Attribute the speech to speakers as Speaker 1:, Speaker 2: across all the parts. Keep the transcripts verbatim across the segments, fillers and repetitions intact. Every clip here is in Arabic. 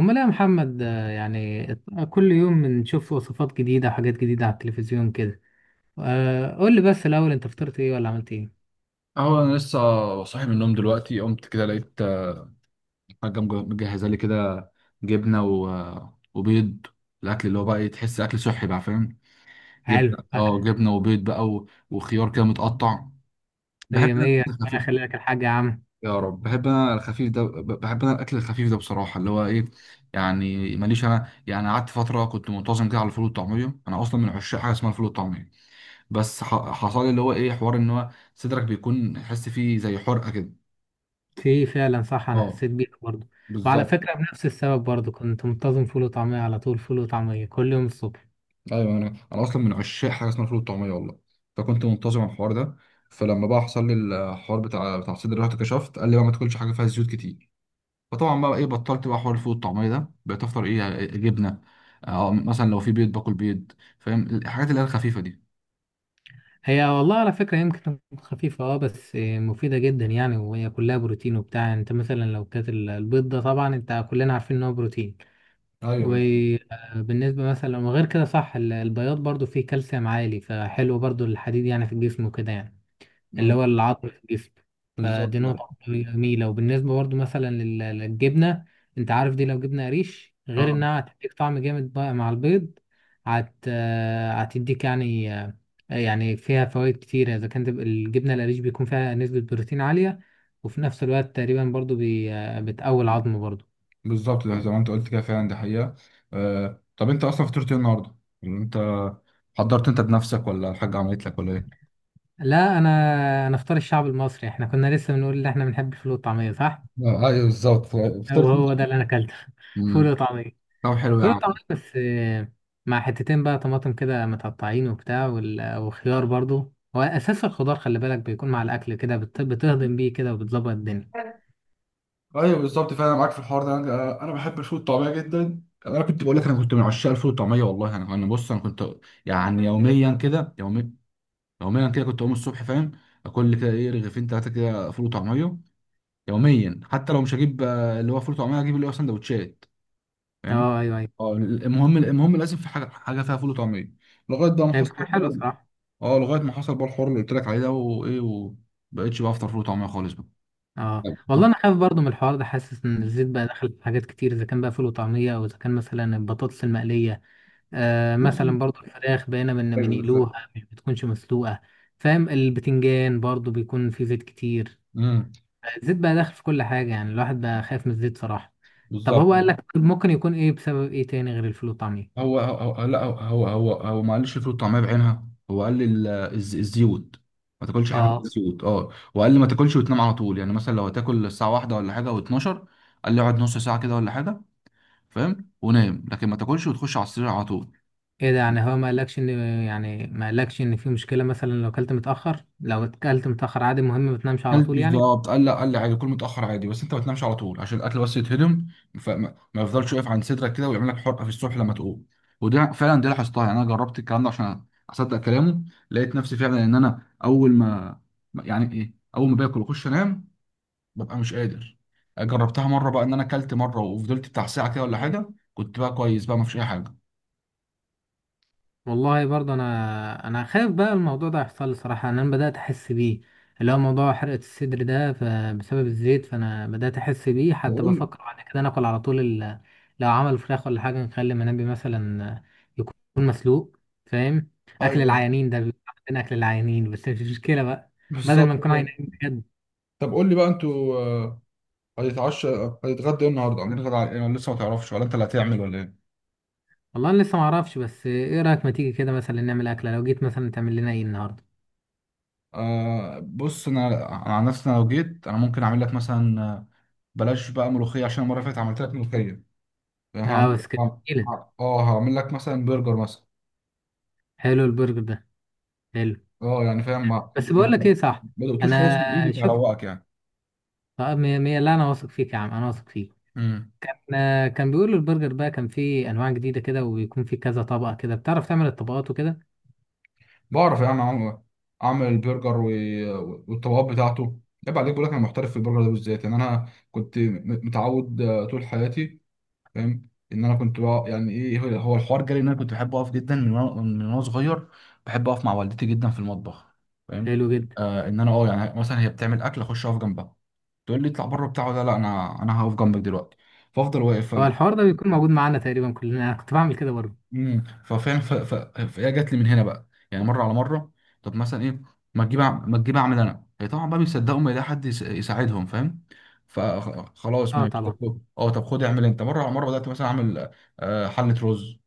Speaker 1: امال إيه يا محمد، آه، يعني ات- كل يوم بنشوف وصفات جديدة وحاجات جديدة على التلفزيون كده. آه، قول لي بس الاول، انت فطرت ايه ولا عملت ايه؟
Speaker 2: اهو انا لسه صاحي من النوم دلوقتي قمت كده لقيت آه، حاجه مج- مجهزه لي كده جبنه و... آه، وبيض الاكل اللي هو بقى إيه، تحس اكل صحي بقى فاهم.
Speaker 1: حلو،
Speaker 2: جبنه اه
Speaker 1: فاكهة.
Speaker 2: جبنه وبيض بقى و... وخيار كده متقطع. بحب
Speaker 1: مية
Speaker 2: انا
Speaker 1: مية،
Speaker 2: الاكل
Speaker 1: ربنا
Speaker 2: الخفيف.
Speaker 1: يخلي لك الحاج يا عم.
Speaker 2: يا رب بحب انا الخفيف ده ب- بحب انا الاكل الخفيف ده بصراحه اللي هو ايه. يعني ماليش انا يعني قعدت فتره كنت منتظم كده على الفول والطعميه. انا اصلا من عشاق حاجه اسمها الفول والطعميه بس ح... حصل لي اللي هو ايه حوار ان هو صدرك بيكون حس فيه زي حرقه كده.
Speaker 1: في فعلا، صح، انا
Speaker 2: اه
Speaker 1: حسيت بيك برضه. وعلى
Speaker 2: بالظبط.
Speaker 1: فكرة بنفس السبب برضه كنت منتظم فول وطعمية على طول، فول وطعمية كل يوم الصبح.
Speaker 2: ايوه انا انا اصلا من عشاق حاجه اسمها فول الطعميه والله، فكنت منتظم على الحوار ده. فلما بقى حصل لي الحوار بتاع بتاع الصدر رحت كشفت، قال لي بقى ما تاكلش حاجه فيها زيوت كتير. فطبعا بقى ايه بطلت بقى حوار الفول الطعميه ده، بقيت افطر ايه إيه، جبنه، اه مثلا لو في بيض باكل بيض، فاهم الحاجات اللي هي الخفيفه دي.
Speaker 1: هي والله على فكرة يمكن خفيفة، اه، بس آه، مفيدة جدا يعني، وهي كلها بروتين وبتاع. يعني انت مثلا لو كانت ال- البيض ده، طبعا انت كلنا عارفين ان هو بروتين.
Speaker 2: ايوه
Speaker 1: وبالنسبة مثلا، وغير كده صح، ال- البياض برضو فيه كالسيوم عالي، فحلو برضو الحديد يعني في الجسم وكده يعني. اللي
Speaker 2: ما-
Speaker 1: هو العظم في الجسم.
Speaker 2: بالظبط
Speaker 1: فدي
Speaker 2: ده.
Speaker 1: نقطة جميلة. وبالنسبة برضو مثلا لل- للجبنة، انت عارف دي لو جبنة قريش، غير
Speaker 2: اه
Speaker 1: انها هتديك طعم جامد بقى مع البيض، هت آه، هتديك يعني، آه، يعني فيها فوائد كتيرة. اذا كانت الجبنة القريش، بيكون فيها نسبة بروتين عالية، وفي نفس الوقت تقريبا برضو بي- آه، بتقوي العظم برضو.
Speaker 2: بالظبط ده زي ما انت قلت كده، فعلا دي حقيقه. آه. طب انت اصلا فطرت ايه النهارده؟ يعني انت حضرت انت بنفسك ولا الحاجه عملت لك ولا ايه؟
Speaker 1: لا، انا انا افطار الشعب المصري، احنا كنا لسه بنقول ان احنا بنحب الفول والطعميه، صح.
Speaker 2: آه، ايوه بالظبط فطرت.
Speaker 1: وهو ده اللي انا اكلته. فول
Speaker 2: انت
Speaker 1: وطعميه.
Speaker 2: طب حلو يا
Speaker 1: فول
Speaker 2: عم.
Speaker 1: وطعميه، بس آه، مع حتتين بقى طماطم كده متقطعين وبتاع، وال- وخيار برضو هو اساس الخضار. خلي بالك بيكون مع الاكل كده، بت- بتهضم بيه كده وبتظبط الدنيا.
Speaker 2: ايوه بالظبط فعلا معاك في الحوار ده. انا أنا بحب الفول والطعميه جدا، انا كنت بقول لك انا كنت من عشاق الفول والطعميه والله. انا انا بص انا كنت يعني يوميا كده يومي، يوميا كده كنت اقوم الصبح، فاهم، اكل كده ايه رغيفين ثلاثه كده فول وطعميه يوميا. حتى لو مش هجيب آه، اللي هو فول وطعميه هجيب اللي هو سندوتشات، فاهم.
Speaker 1: اه، ايوه ايوه.
Speaker 2: اه المهم، المهم لازم في حاجه حاجه فيها فول وطعميه، لغايه بقى ما
Speaker 1: هي
Speaker 2: حصل
Speaker 1: بتكون حلو
Speaker 2: الحوار.
Speaker 1: صراحه.
Speaker 2: اه لغايه ما حصل بقى الحوار اللي قلت لك عليه ده، وايه، وبقيتش بقى افطر فول وطعميه خالص بقى.
Speaker 1: اه
Speaker 2: طب
Speaker 1: والله،
Speaker 2: طب.
Speaker 1: انا خايف برضو من الحوار ده، حاسس ان الزيت بقى دخل في حاجات كتير، اذا كان بقى فول وطعميه، او اذا كان مثلا البطاطس المقليه. آه
Speaker 2: بص،
Speaker 1: مثلا برضو الفراخ بقينا بن
Speaker 2: ايوه بالظبط.
Speaker 1: بنقلوها، مش بتكونش مسلوقة. فاهم، البتنجان برضو بيكون فيه زيت كتير.
Speaker 2: امم
Speaker 1: الزيت بقى داخل في كل حاجة، يعني الواحد بقى خايف من الزيت صراحة. طب
Speaker 2: بالظبط.
Speaker 1: هو قال لك ممكن يكون ايه، بسبب ايه تاني غير الفول والطعمية؟
Speaker 2: هو هو هو- لا هو هو هو, هو ما قالش الفول والطعميه بعينها، هو قال لي ال- الز- الزيوت، ما تاكلش حاجه فيها
Speaker 1: اه،
Speaker 2: زيوت اه. وقال لي ما تاكلش وتنام على طول، يعني مثلا لو هتاكل الساعه واحدة ولا حاجه او اتناشر، قال لي اقعد نص ساعه كده ولا حاجه، فاهم، ونام، لكن ما تاكلش وتخش على السرير على طول.
Speaker 1: ايه ده؟ يعني هو ما قالكش ان يعني ما قالكش ان في مشكلة مثلا، لو اكلت متأخر لو اكلت متأخر عادي، مهم ما تنامش على
Speaker 2: كلت
Speaker 1: طول يعني.
Speaker 2: بالظبط، قال لا، قال لي عادي كل متاخر عادي، بس انت ما تنامش على طول عشان الاكل بس يتهضم، فما ما يفضلش واقف عند صدرك كده ويعمل لك حرقه في الصبح لما تقوم. وده فعلا دي لاحظتها، يعني انا جربت الكلام ده عشان اصدق كلامه، لقيت نفسي فعلا ان انا اول ما يعني ايه اول ما باكل واخش انام ببقى مش قادر. جربتها مره بقى ان انا اكلت مره وفضلت بتاع ساعه كده ولا حاجه، كنت بقى كويس بقى، ما فيش اي حاجه.
Speaker 1: والله برضه، انا انا خايف بقى الموضوع ده يحصل لي صراحه، إن انا بدات احس بيه. اللي هو موضوع حرقه الصدر ده، فبسبب الزيت فانا بدات احس بيه.
Speaker 2: طب
Speaker 1: حتى
Speaker 2: قول لي،
Speaker 1: بفكر بعد كده ناكل على طول ال... لو عمل فراخ ولا حاجه، نخلي منبي مثلا يكون مسلوق. فاهم. اكل
Speaker 2: ايوه
Speaker 1: العيانين ده بيبقى عندنا اكل العيانين، بس مش مشكله بقى، بدل ما
Speaker 2: بالظبط
Speaker 1: نكون
Speaker 2: كده.
Speaker 1: عيانين بجد.
Speaker 2: طب قول لي بقى، انتوا هيتعشى هيتغدى ايه النهارده؟ عاملين غدا على ايه ولا لسه ما تعرفش ولا انت اللي هتعمل ولا ايه؟
Speaker 1: والله انا لسه ما اعرفش، بس ايه رايك ما تيجي كده مثلا نعمل اكله؟ لو جيت مثلا، تعمل لنا ايه النهارده؟
Speaker 2: آه بص انا، أنا عن نفسي انا لو جيت انا ممكن اعمل لك مثلا آه، بلاش بقى ملوخيه عشان المره اللي فاتت عملت لك ملوخيه.
Speaker 1: اه،
Speaker 2: هعمل
Speaker 1: بس كده.
Speaker 2: ه- ه- اه هعمل لك مثلا برجر مثلا.
Speaker 1: حلو، البرجر ده حلو.
Speaker 2: اه يعني فاهم ما
Speaker 1: بس بقول
Speaker 2: انت
Speaker 1: لك ايه، صح؟
Speaker 2: ما دقتوش خالص
Speaker 1: انا
Speaker 2: من ايدي
Speaker 1: شفت.
Speaker 2: فهروقك يعني.
Speaker 1: طب مية مية، لا انا واثق فيك يا عم، انا واثق فيك.
Speaker 2: امم
Speaker 1: انا كان بيقولوا البرجر بقى كان فيه انواع جديده كده، وبيكون فيه كذا طبقه كده، بتعرف تعمل الطبقات وكده.
Speaker 2: بعرف يعني اعمل، اعمل البرجر و... والطبقات بتاعته. عيب عليك، بقول لك انا محترف في البرجر ده بالذات. يعني انا كنت م- متعود آه، طول حياتي، فاهم، ان انا كنت بقى يعني ايه هو هو الحوار جالي ان انا كنت بحب اقف جدا من وانا من وانا صغير بحب اقف مع والدتي جدا في المطبخ، فاهم.
Speaker 1: حلو جدا.
Speaker 2: آه ان انا اه يعني مثلا هي بتعمل اكل اخش اقف جنبها، تقول لي اطلع بره بتاع، ولا لا انا انا هقف جنبك دلوقتي، فافضل واقف.
Speaker 1: هو الحوار ده بيكون موجود معانا تقريبا كلنا، انا كنت بعمل كده برضه.
Speaker 2: امم ففاهم ف- ف- فهي جات لي من هنا بقى يعني مره على مره. طب مثلا ايه ما تجيب أع- ما تجيب اعمل انا، هي طبعا بقى بيصدقوا ما يلاقي حد يس- يساعدهم، فاهم. فخلاص
Speaker 1: اه،
Speaker 2: ماشي طب
Speaker 1: طبعا.
Speaker 2: خد- اه طب خد اعمل انت مره على مره، بدات مثلا اعمل آه، حله رز،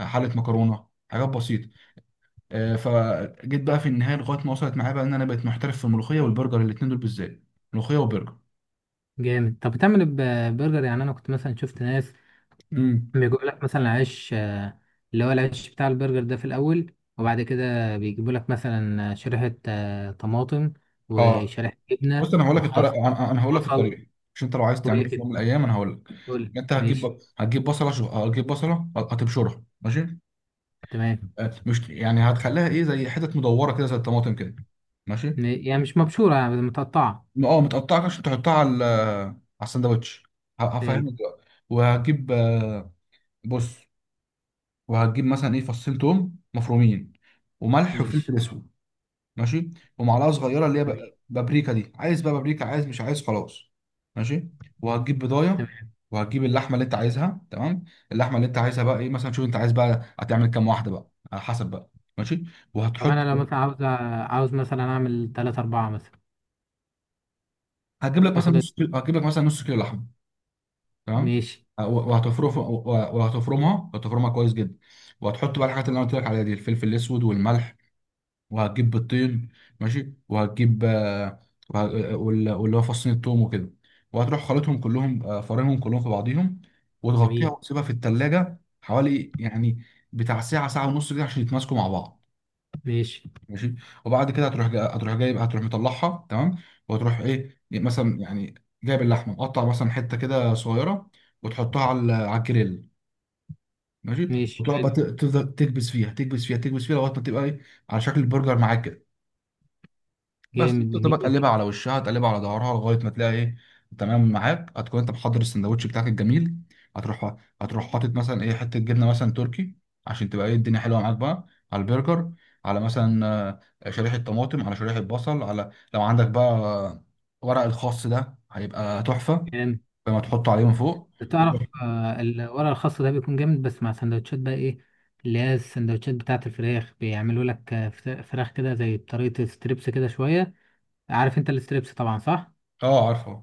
Speaker 2: حله مكرونه، حاجات بسيطه. آه، فجيت بقى في النهايه لغايه ما وصلت معايا بقى ان انا بقيت محترف في الملوخيه والبرجر، الاتنين دول بالذات، ملوخيه وبرجر.
Speaker 1: جامد. طب بتعمل ب- برجر، يعني انا كنت مثلا شفت ناس
Speaker 2: امم
Speaker 1: بيجيبوا لك مثلا عيش، آه، اللي هو العيش بتاع البرجر ده في الاول، وبعد كده بيجيبوا لك مثلا شريحه آه، طماطم
Speaker 2: اه
Speaker 1: وشريحه
Speaker 2: بص
Speaker 1: جبنه
Speaker 2: انا هقول لك
Speaker 1: وخس.
Speaker 2: الطريقه، انا أنا هقول لك
Speaker 1: وصل.
Speaker 2: الطريقه، مش انت لو عايز
Speaker 1: كل
Speaker 2: تعمله في
Speaker 1: كده.
Speaker 2: يوم من الايام انا هقول لك.
Speaker 1: قول،
Speaker 2: انت
Speaker 1: ماشي.
Speaker 2: هتجيب هتجيب بصله، شو، هتجيب بصله هتبشرها، ماشي،
Speaker 1: تمام.
Speaker 2: آه، مش يعني هتخليها ايه زي حتت مدوره كده زي الطماطم كده، ماشي.
Speaker 1: م- يعني مش مبشورة، يعني متقطعة.
Speaker 2: اه متقطعه عشان تحطها على ال- على الساندوتش. ه-
Speaker 1: حلو.
Speaker 2: هفهمك دلوقتي، وهتجيب آه، بص، وهتجيب مثلا ايه فصين توم مفرومين وملح
Speaker 1: ماشي.
Speaker 2: وفلفل اسود، ماشي، ومعلقه صغيره اللي هي
Speaker 1: جميل.
Speaker 2: ب- بابريكا، دي عايز بقى بابريكا عايز مش عايز خلاص، ماشي، وهتجيب بضايه،
Speaker 1: تمام.
Speaker 2: وهتجيب اللحمه اللي انت عايزها، تمام. اللحمه اللي انت عايزها بقى ايه مثلا، شوف انت عايز بقى هتعمل كام واحده بقى على حسب بقى، ماشي،
Speaker 1: طب
Speaker 2: وهتحط.
Speaker 1: أنا لو مثلا عاوز أ- عاوز مثلا أعمل تلاتة أربعة مثلا.
Speaker 2: هتجيب لك مثلا
Speaker 1: ياخد
Speaker 2: نص
Speaker 1: قد-
Speaker 2: كيلو، هتجيب لك مثلا نص كيلو لحمه، تمام.
Speaker 1: ماشي.
Speaker 2: آه، و- وهتفرم، وهتفرمها، هتفرمها كويس جدا، وهتحط بقى الحاجات اللي انا قلت لك عليها دي، الفلفل الاسود والملح، وهتجيب بيضتين، ماشي، وهتجيب آه، وه- آه، وال- واللي هو فصين التوم وكده، وهتروح خلطهم كلهم آه، فرنهم كلهم في بعضيهم، وتغطيها
Speaker 1: جميل.
Speaker 2: وتسيبها في التلاجة حوالي يعني بتاع ساعة ساعة ونص كده عشان يتماسكوا مع بعض،
Speaker 1: ماشي.
Speaker 2: ماشي. وبعد كده هتروح جا... هتروح جايب، هتروح مطلعها، تمام، وهتروح ايه مثلا يعني جايب اللحمة مقطع مثلا حتة كده صغيرة، وتحطها على ال- على الجريل، ماشي.
Speaker 1: ماشي،
Speaker 2: وتقعد بقى
Speaker 1: حلو.
Speaker 2: ت- تفضل تكبس فيها تكبس فيها تكبس فيها لغاية ما تبقى ايه على شكل برجر معاك كده، بس
Speaker 1: جامد،
Speaker 2: تبقى بقى
Speaker 1: جميل.
Speaker 2: تقلبها على وشها تقلبها على ظهرها لغايه ما تلاقي ايه، تمام معاك. هتكون انت محضر السندوتش بتاعك الجميل، هتروح، هتروح حاطط مثلا ايه حته جبنه مثلا تركي عشان تبقى ايه الدنيا حلوه معاك بقى على البرجر، على مثلا آه، شريحه طماطم، على شريحه بصل، على لو عندك بقى آه، ورق الخاص ده هيبقى تحفه
Speaker 1: جامد.
Speaker 2: لما تحطه عليه من فوق. وتروح،
Speaker 1: تعرف، آه، الورق الخاص ده بيكون جامد، بس مع سندوتشات بقى إيه، اللي هي السندوتشات بتاعة الفراخ، بيعملوا لك آه، فت- فراخ كده، زي بطريقة ستريبس كده شوية. عارف أنت الستريبس طبعا، صح؟
Speaker 2: اه عارفه،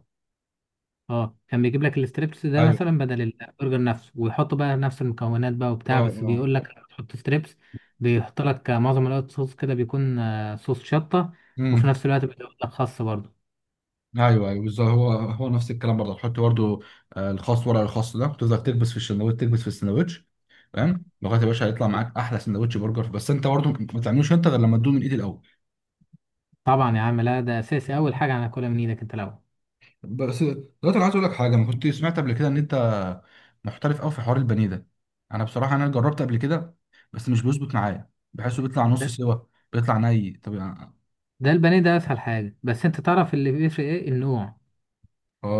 Speaker 1: اه، كان بيجيب لك الستريبس ده
Speaker 2: ايوه،
Speaker 1: مثلا بدل البرجر نفسه، ويحطوا بقى نفس المكونات بقى
Speaker 2: اه
Speaker 1: وبتاع، بس
Speaker 2: اه،
Speaker 1: بيقول لك لما تحط ستريبس، بيحط لك معظم الوقت صوص كده، بيكون آه، صوص شطة. وفي
Speaker 2: مم.
Speaker 1: نفس الوقت بيقول لك خس برضه.
Speaker 2: ايوه ايوه بالظبط، هو هو نفس الكلام برضه، تحط برضه آه، الخاص ورق الخاص ده وتفضل تكبس في السندوتش تكبس في السندوتش، فاهم، لغايه يا باشا هيطلع معاك احلى سندوتش برجر. بس انت برضه ما تعملوش انت غير لما تدوق من ايدي الاول.
Speaker 1: طبعا يا عم، لا ده اساسي، اول حاجة هناكلها من ايدك انت الاول.
Speaker 2: بس دلوقتي انا عايز اقول لك حاجه، انا كنت سمعت قبل كده ان انت محترف قوي في حوار البانيه ده. انا بصراحه انا جربت قبل كده بس مش بيظبط معايا، بحسه بيطلع نص
Speaker 1: ده,
Speaker 2: سوا، بيطلع ني طب يعني-.
Speaker 1: ده البانيه ده اسهل حاجة، بس انت تعرف اللي بيفرق ايه النوع.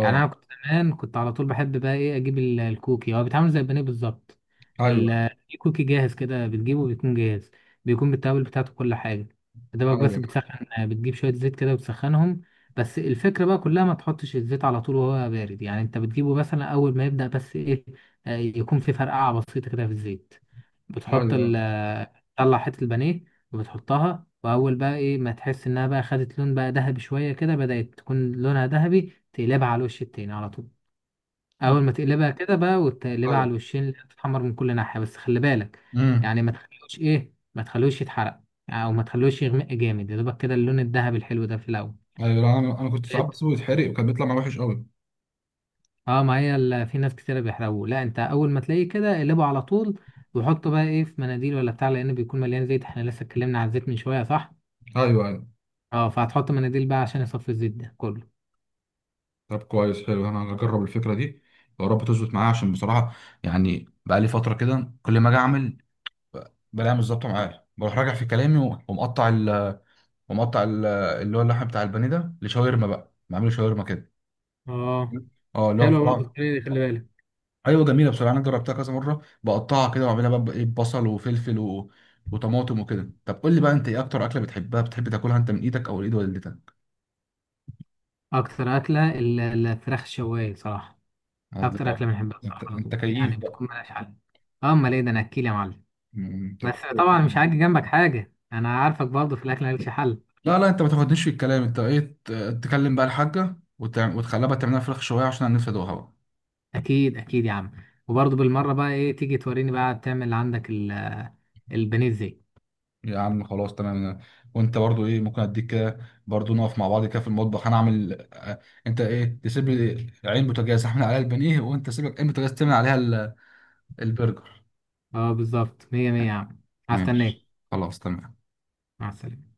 Speaker 1: يعني انا كنت زمان، كنت على طول بحب بقى ايه، اجيب ال- الكوكي. هو بيتعمل زي البانيه بالظبط.
Speaker 2: ايوه
Speaker 1: ال- الكوكي جاهز كده، بتجيبه بيكون جاهز، بيكون بالتوابل بتاعته كل حاجه. دوبك بس
Speaker 2: ايوه
Speaker 1: بتسخن، بتجيب شويه زيت كده وتسخنهم. بس الفكره بقى كلها ما تحطش الزيت على طول وهو بارد. يعني انت بتجيبه مثلا اول ما يبدا بس ايه، آه، يكون في فرقعه بسيطه كده في الزيت. بتحط
Speaker 2: ايوه
Speaker 1: ال تطلع حتة البانيه، وبتحطها، وأول بقى إيه ما تحس إنها بقى خدت لون بقى ذهبي شوية كده، بدأت تكون لونها ذهبي، تقلبها على الوش التاني على طول. أول ما تقلبها كده بقى، وتقلبها على
Speaker 2: ايوه.
Speaker 1: الوشين اللي تتحمر من كل ناحية، بس خلي بالك،
Speaker 2: امم.
Speaker 1: يعني ما تخلوش إيه ما تخلوش يتحرق، يعني، أو ما تخلوش يغمق جامد، يا دوبك كده اللون الذهبي الحلو ده في الأول.
Speaker 2: ايوه لا، انا انا كنت ساعات
Speaker 1: لقيت-
Speaker 2: بسيبه يتحرق وكان بيطلع معاه وحش قوي.
Speaker 1: اه، ما هي ال- في ناس كتيرة بيحرقوه. لا انت اول ما تلاقيه كده اقلبه على طول، وحطه بقى ايه في مناديل ولا بتاع، لان بيكون مليان زيت. احنا لسه اتكلمنا عن الزيت من شوية، صح؟
Speaker 2: ايوه ايوه.
Speaker 1: اه، فهتحط مناديل بقى عشان يصفي الزيت ده كله.
Speaker 2: طب كويس حلو، انا هجرب الفكره دي، يا رب تظبط معايا عشان بصراحه يعني بقى لي فتره كده كل ما اجي اعمل ب- بلاقيها مش ظابطه معايا، بروح راجع في كلامي و- ومقطع ال... ومقطع ال... اللي هو اللحم بتاع البانيه ده لشاورما بقى، بعمله شاورما كده.
Speaker 1: اه،
Speaker 2: اه اللي هو
Speaker 1: حلوة برضه
Speaker 2: بصراحه،
Speaker 1: الطريقة دي، خلي بالك.
Speaker 2: ايوه جميله بصراحه انا جربتها كذا مره، بقطعها كده واعملها بقى ايه بصل وفلفل و... وطماطم وكده. طب قول لي بقى انت ايه اكتر اكله بتحبها بتحب تاكلها انت من ايدك او ايد والدتك؟
Speaker 1: اكتر اكله ال- الفراخ الشوايه صراحه. اكتر
Speaker 2: الله.
Speaker 1: اكله بنحبها
Speaker 2: انت
Speaker 1: صراحه، على
Speaker 2: انت
Speaker 1: طول يعني
Speaker 2: كيف بقى.
Speaker 1: بتكون ملهاش حل. اه، امال ايه ده، انا اكيل يا معلم.
Speaker 2: مم، طب
Speaker 1: بس
Speaker 2: حلو.
Speaker 1: طبعا مش هاجي جنبك حاجه، انا عارفك برضه في الاكل مالكش حل.
Speaker 2: لا لا انت ما تاخدنيش في الكلام، انت ايه ت- تكلم بقى الحاجه وتع- وتخليها بقى تعملها فراخ شويه عشان انا نفسي ادوقها بقى.
Speaker 1: اكيد اكيد يا عم. وبرضه بالمره بقى ايه، تيجي توريني بقى تعمل عندك ال- البانيه ازاي.
Speaker 2: يا عم خلاص تمام، وانت برضو ايه ممكن اديك كده برضو نقف مع بعض كده في المطبخ، انا اعمل اه، انت ايه تسيب لي عين بوتاجاز اعمل عليها البانيه، وانت سيب لك عين بوتاجاز تعمل عليها ال- البرجر.
Speaker 1: اه بالظبط، مية مية يا عم. هستناك.
Speaker 2: ماشي خلاص تمام.
Speaker 1: مع السلامه.